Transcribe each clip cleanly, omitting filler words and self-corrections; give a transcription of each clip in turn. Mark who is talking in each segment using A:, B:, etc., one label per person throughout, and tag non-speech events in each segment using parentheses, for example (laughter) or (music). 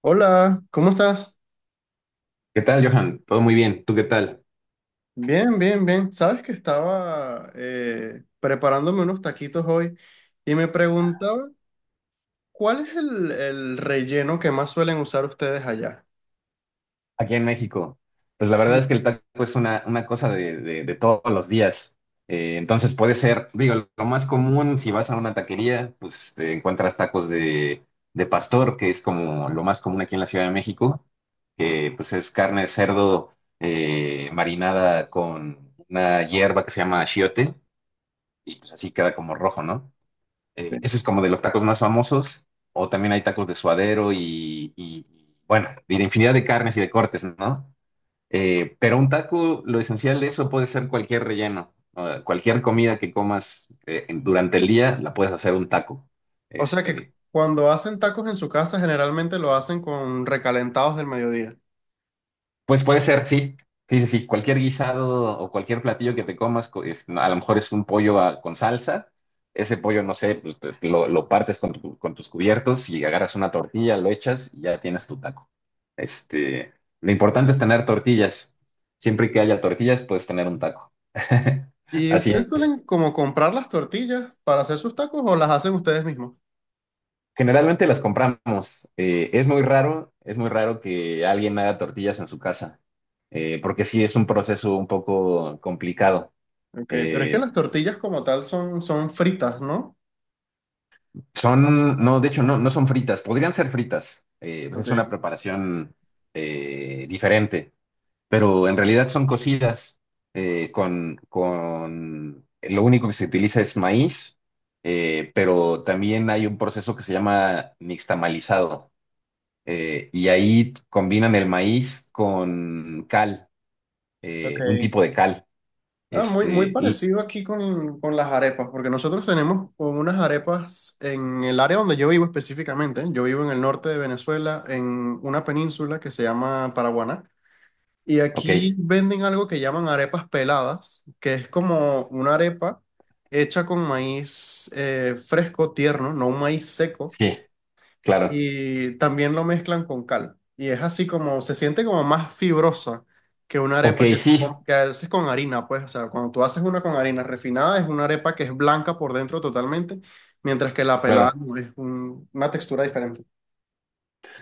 A: Hola, ¿cómo estás?
B: ¿Qué tal, Johan? Todo muy bien. ¿Tú qué tal?
A: Bien, bien, bien. Sabes que estaba preparándome unos taquitos hoy y me preguntaba cuál es el relleno que más suelen usar ustedes allá.
B: Aquí en México. Pues la verdad es
A: Sí.
B: que el taco es una cosa de todos los días. Entonces puede ser, digo, lo más común si vas a una taquería, pues te encuentras tacos de pastor, que es como lo más común aquí en la Ciudad de México, que pues es carne de cerdo marinada con una hierba que se llama achiote y pues así queda como rojo, ¿no? Eh,
A: Sí.
B: ese es como de los tacos más famosos. O también hay tacos de suadero y, bueno, y de infinidad de carnes y de cortes, ¿no? Pero un taco, lo esencial de eso puede ser cualquier relleno, o cualquier comida que comas, durante el día, la puedes hacer un taco.
A: O
B: Es,
A: sea que
B: eh,
A: cuando hacen tacos en su casa generalmente lo hacen con recalentados del mediodía.
B: Pues puede ser, sí. Sí, sí, sí. Cualquier guisado o cualquier platillo que te comas, a lo mejor es un pollo con salsa. Ese pollo, no sé, pues lo partes con tus cubiertos y agarras una tortilla, lo echas y ya tienes tu taco. Este, lo importante es tener tortillas. Siempre que haya tortillas, puedes tener un taco. (laughs)
A: ¿Y
B: Así
A: ustedes
B: es.
A: suelen como comprar las tortillas para hacer sus tacos o las hacen ustedes mismos?
B: Generalmente las compramos. Es muy raro, es muy raro que alguien haga tortillas en su casa, porque sí es un proceso un poco complicado.
A: Ok, pero es que
B: Eh,
A: las tortillas como tal son, fritas, ¿no?
B: no, de hecho, no, no son fritas, podrían ser fritas, pues es una
A: Ok,
B: preparación diferente, pero en realidad son cocidas con, lo único que se utiliza es maíz, pero también hay un proceso que se llama nixtamalizado, y ahí combinan el maíz con cal,
A: ok.
B: un tipo de cal.
A: Ah, muy, muy
B: Este, l-
A: parecido aquí con las arepas, porque nosotros tenemos como unas arepas en el área donde yo vivo específicamente. Yo vivo en el norte de Venezuela, en una península que se llama Paraguaná, y
B: ok,
A: aquí venden algo que llaman arepas peladas, que es como una arepa hecha con maíz fresco, tierno, no un maíz seco
B: sí, claro.
A: y también lo mezclan con cal. Y es así como, se siente como más fibrosa que una
B: Ok,
A: arepa que,
B: sí,
A: que haces con harina, pues, o sea, cuando tú haces una con harina refinada es una arepa que es blanca por dentro totalmente, mientras que la pelada
B: claro.
A: no, es una textura diferente.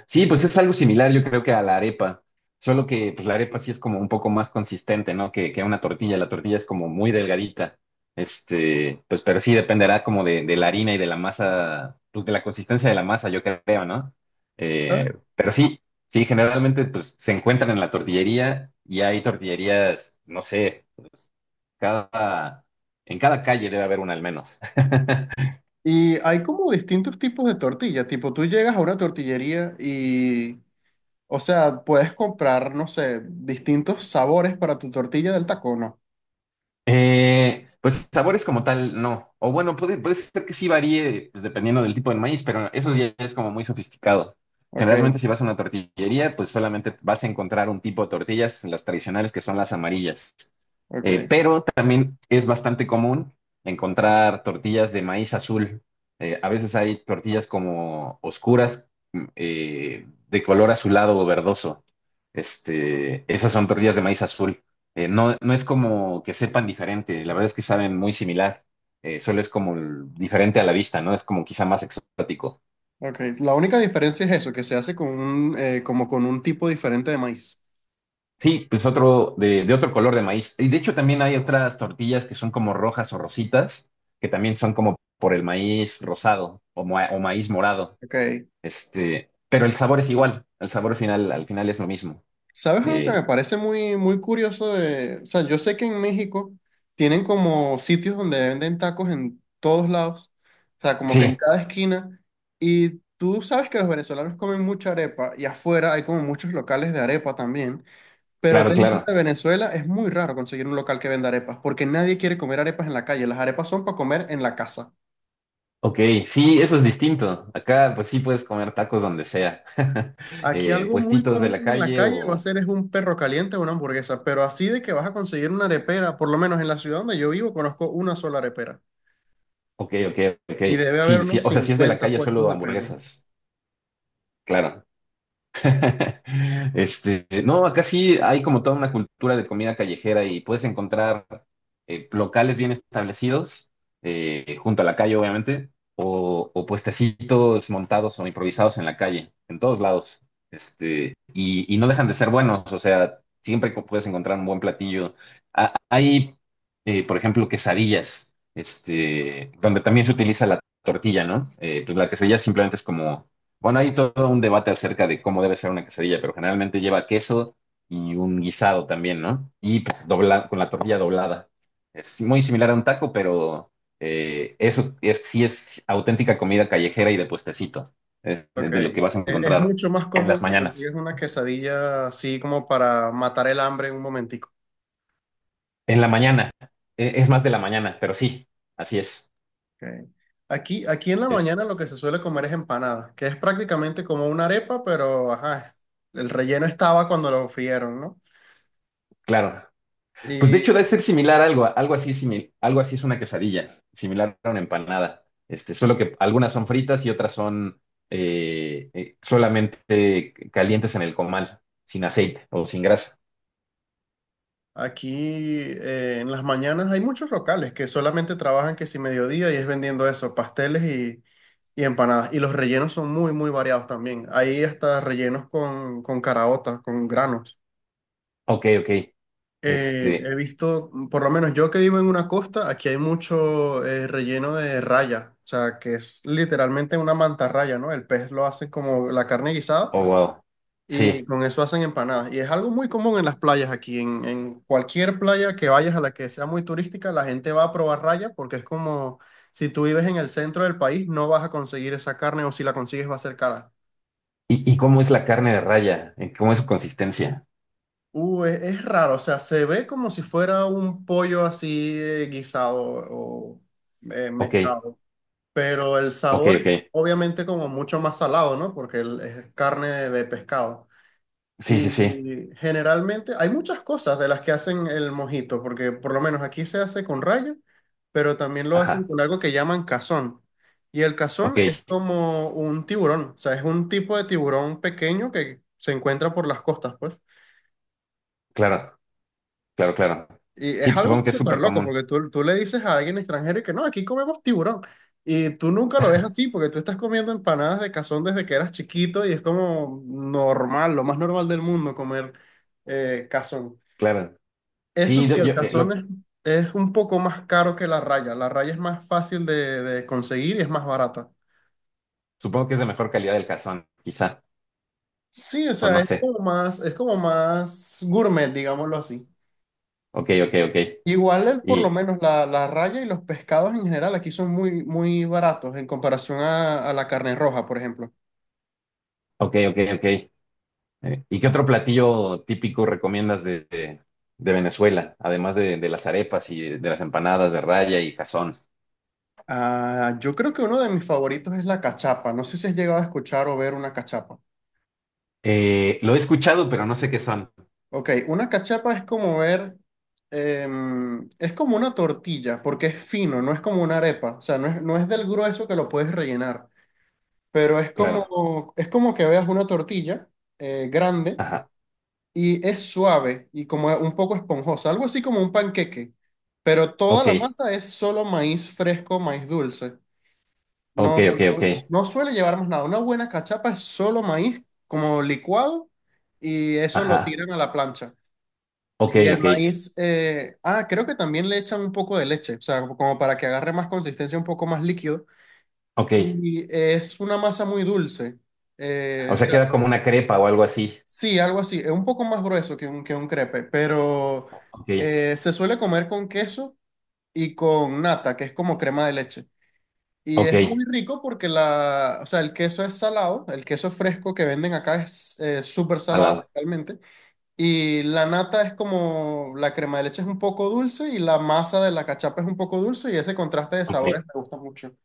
B: Sí, pues es algo similar, yo creo que a la arepa, solo que pues la arepa sí es como un poco más consistente, ¿no? Que una tortilla, la tortilla es como muy delgadita, pues pero sí dependerá como de la harina y de la masa, pues de la consistencia de la masa, yo creo, ¿no? Eh,
A: ¿Sabes?
B: pero sí, sí, generalmente pues se encuentran en la tortillería y hay tortillerías, no sé, cada, en cada calle debe haber una al menos. (laughs)
A: Y hay como distintos tipos de tortilla, tipo tú llegas a una tortillería y, o sea, puedes comprar, no sé, distintos sabores para tu tortilla del taco, ¿no?
B: Pues sabores como tal, no. O bueno, puede ser que sí varíe pues, dependiendo del tipo de maíz, pero eso ya es como muy sofisticado.
A: Ok,
B: Generalmente si vas a una tortillería, pues solamente vas a encontrar un tipo de tortillas, las tradicionales que son las amarillas. Eh,
A: ok.
B: pero también es bastante común encontrar tortillas de maíz azul. A veces hay tortillas como oscuras, de color azulado o verdoso. Esas son tortillas de maíz azul. No, no es como que sepan diferente, la verdad es que saben muy similar, solo es como diferente a la vista, ¿no? Es como quizá más exótico.
A: Ok, la única diferencia es eso, que se hace con como con un tipo diferente de maíz.
B: Sí, pues otro de otro color de maíz. Y de hecho también hay otras tortillas que son como rojas o rositas, que también son como por el maíz rosado o maíz morado.
A: Ok,
B: Pero el sabor es igual, el sabor final, al final es lo mismo.
A: ¿sabes algo que
B: Eh,
A: me parece muy, muy curioso de, o sea, yo sé que en México tienen como sitios donde venden tacos en todos lados, o sea, como que en
B: sí,
A: cada esquina, y tú sabes que los venezolanos comen mucha arepa, y afuera hay como muchos locales de arepa también, pero
B: claro,
A: dentro
B: claro.
A: de Venezuela es muy raro conseguir un local que venda arepas, porque nadie quiere comer arepas en la calle, las arepas son para comer en la casa.
B: Ok, sí, eso es distinto. Acá, pues sí puedes comer tacos donde sea. (laughs)
A: Aquí
B: En
A: algo muy
B: puestitos de la
A: común en la
B: calle
A: calle va a
B: o.
A: ser es un perro caliente o una hamburguesa, pero así de que vas a conseguir una arepera, por lo menos en la ciudad donde yo vivo conozco una sola arepera
B: Ok, ok, ok.
A: y debe haber
B: Sí, sí,
A: unos
B: o sea, si es de la
A: 50
B: calle,
A: puestos
B: solo
A: de perro.
B: hamburguesas. Claro. (laughs) No, acá sí hay como toda una cultura de comida callejera y puedes encontrar locales bien establecidos, junto a la calle, obviamente, o, puestecitos montados o improvisados en la calle, en todos lados. Y no dejan de ser buenos, o sea, siempre puedes encontrar un buen platillo. Ah, hay, por ejemplo, quesadillas, donde también se utiliza la tortilla, ¿no? Pues la quesadilla simplemente es como bueno, hay todo un debate acerca de cómo debe ser una quesadilla, pero generalmente lleva queso y un guisado también, ¿no? Y pues dobla, con la tortilla doblada. Es muy similar a un taco, pero eso es, sí es auténtica comida callejera y de puestecito, eh,
A: Ok.
B: de lo
A: Es,
B: que vas a
A: es
B: encontrar
A: mucho más
B: pues, en las
A: común que consigues
B: mañanas.
A: una quesadilla así como para matar el hambre en un momentico.
B: En la mañana, es más de la mañana, pero sí, así
A: Ok. Aquí en la
B: es
A: mañana lo que se suele comer es empanada, que es prácticamente como una arepa, pero ajá, el relleno estaba cuando lo frieron, ¿no?
B: claro. Pues de hecho debe
A: Y
B: ser similar a algo así, algo así es una quesadilla, similar a una empanada. Solo que algunas son fritas y otras son solamente calientes en el comal, sin aceite o sin grasa.
A: aquí en las mañanas hay muchos locales que solamente trabajan que si mediodía y es vendiendo eso, pasteles y empanadas. Y los rellenos son muy, muy variados también. Hay hasta rellenos con, caraotas, con granos.
B: Ok, ok. Este,
A: He visto, por lo menos yo que vivo en una costa, aquí hay mucho relleno de raya, o sea, que es literalmente una mantarraya, ¿no? El pez lo hacen como la carne guisada
B: oh wow.
A: y
B: Sí.
A: con eso hacen empanadas. Y es algo muy común en las playas aquí. En cualquier playa que vayas a la que sea muy turística, la gente va a probar raya porque es como si tú vives en el centro del país, no vas a conseguir esa carne o si la consigues va a ser cara.
B: ¿Y cómo es la carne de raya? ¿En ¿Cómo es su consistencia?
A: Es raro, o sea, se ve como si fuera un pollo así guisado o
B: Ok,
A: mechado, pero el
B: ok,
A: sabor es
B: ok.
A: obviamente como mucho más salado, ¿no? Porque es carne de pescado.
B: Sí, sí, sí.
A: Y generalmente hay muchas cosas de las que hacen el mojito, porque por lo menos aquí se hace con raya, pero también lo hacen
B: Ajá.
A: con algo que llaman cazón. Y el cazón
B: Ok,
A: es como un tiburón, o sea, es un tipo de tiburón pequeño que se encuentra por las costas, pues.
B: claro, claro, claro.
A: Y
B: Sí,
A: es
B: pues
A: algo
B: supongo que es
A: súper
B: súper
A: loco,
B: común.
A: porque tú, le dices a alguien extranjero y que no, aquí comemos tiburón. Y tú nunca lo ves así, porque tú estás comiendo empanadas de cazón desde que eras chiquito y es como normal, lo más normal del mundo comer cazón.
B: Claro.
A: Eso
B: Sí,
A: sí, el calzón es un poco más caro que la raya. La raya es más fácil de, conseguir y es más barata.
B: supongo que es de mejor calidad del cazón, quizá,
A: Sí, o
B: o
A: sea,
B: no sé.
A: es como más gourmet, digámoslo así.
B: Ok, ok, ok.
A: Igual, por lo
B: Y,
A: menos la, raya y los pescados en general aquí son muy, muy baratos en comparación a la carne roja, por ejemplo.
B: ok, ok, ok. ¿Y qué otro platillo típico recomiendas de Venezuela, además de las arepas y de las empanadas de raya y cazón?
A: Ah, yo creo que uno de mis favoritos es la cachapa. No sé si has llegado a escuchar o ver una cachapa.
B: Lo he escuchado, pero no sé qué son.
A: Ok, una cachapa es como es como una tortilla, porque es fino, no es como una arepa, o sea, no es del grueso que lo puedes rellenar, pero es
B: Claro.
A: como, es como que veas una tortilla grande
B: Ajá.
A: y es suave y como un poco esponjosa, algo así como un panqueque, pero toda
B: Ok,
A: la masa es solo maíz fresco, maíz dulce,
B: ok,
A: no,
B: ok, ok.
A: no, no suele llevar más nada, una buena cachapa es solo maíz como licuado y eso lo
B: Ajá.
A: tiran a la plancha.
B: Ok,
A: Y el
B: ok,
A: maíz, creo que también le echan un poco de leche, o sea, como para que agarre más consistencia, un poco más líquido.
B: ok.
A: Y es una masa muy dulce.
B: O
A: O
B: sea,
A: sea,
B: queda como una crepa o algo así.
A: sí, algo así. Es un poco más grueso que un crepe, pero
B: Ok,
A: se suele comer con queso y con nata, que es como crema de leche. Y es
B: ok.
A: muy rico porque o sea, el queso es salado, el queso fresco que venden acá es súper
B: Al
A: salado
B: lado.
A: realmente. Y la nata es como, la crema de leche es un poco dulce y la masa de la cachapa es un poco dulce y ese contraste de
B: Ok.
A: sabores me gusta mucho.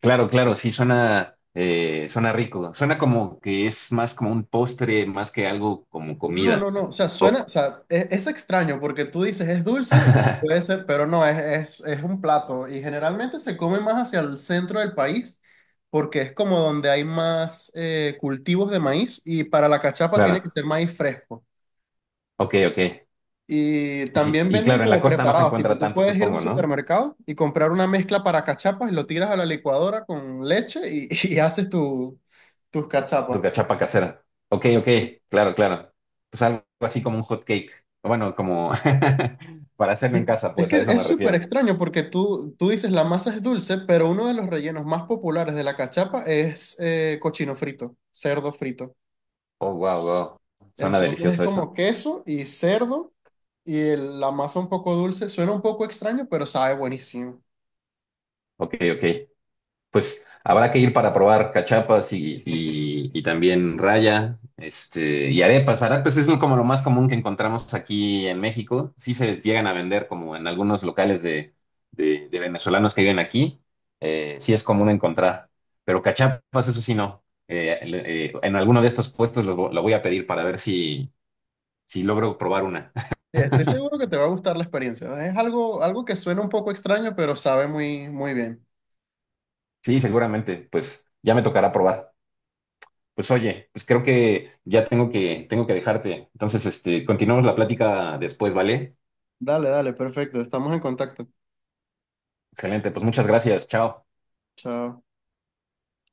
B: Claro, claro, sí suena, suena rico. Suena como que es más como un postre, más que algo como
A: No,
B: comida.
A: no, no, o sea,
B: Oh,
A: suena, o sea, es extraño porque tú dices es dulce, puede
B: (laughs)
A: ser, pero no, es un plato y generalmente se come más hacia el centro del país porque es como donde hay más cultivos de maíz y para la cachapa tiene
B: claro,
A: que ser maíz fresco.
B: ok, ok.
A: Y
B: Sí,
A: también
B: y
A: venden
B: claro, en la
A: como
B: costa no se
A: preparados, tipo,
B: encuentra
A: tú
B: tanto,
A: puedes ir a un
B: supongo, ¿no?
A: supermercado y comprar una mezcla para cachapas y lo tiras a la licuadora con leche y, (laughs) y haces tus cachapas.
B: Tu casera. Ok, ok,
A: Sí.
B: claro, claro. Pues algo así como un hot cake. Bueno, como (laughs) para hacerlo en
A: Es
B: casa,
A: es
B: pues
A: que
B: a eso me
A: es súper
B: refiero.
A: extraño porque tú dices la masa es dulce, pero uno de los rellenos más populares de la cachapa es cochino frito, cerdo frito.
B: Oh, wow, wow. Suena
A: Entonces es
B: delicioso eso.
A: como queso y cerdo y la masa un poco dulce. Suena un poco extraño, pero sabe buenísimo.
B: Ok, ok. Pues habrá que ir para probar cachapas y también raya, y arepas. Arepas es como lo más común que encontramos aquí en México. Sí se llegan a vender como en algunos locales de venezolanos que viven aquí. Sí es común encontrar, pero cachapas eso sí no. En alguno de estos puestos lo voy a pedir para ver si logro probar una.
A: Sí, estoy
B: (laughs)
A: seguro que te va a gustar la experiencia. Es algo que suena un poco extraño, pero sabe muy, muy bien.
B: Sí, seguramente, pues ya me tocará probar. Pues oye, pues creo que ya tengo que dejarte. Entonces, continuamos la plática después, ¿vale?
A: Dale, dale, perfecto. Estamos en contacto.
B: Excelente, pues muchas gracias, chao.
A: Chao.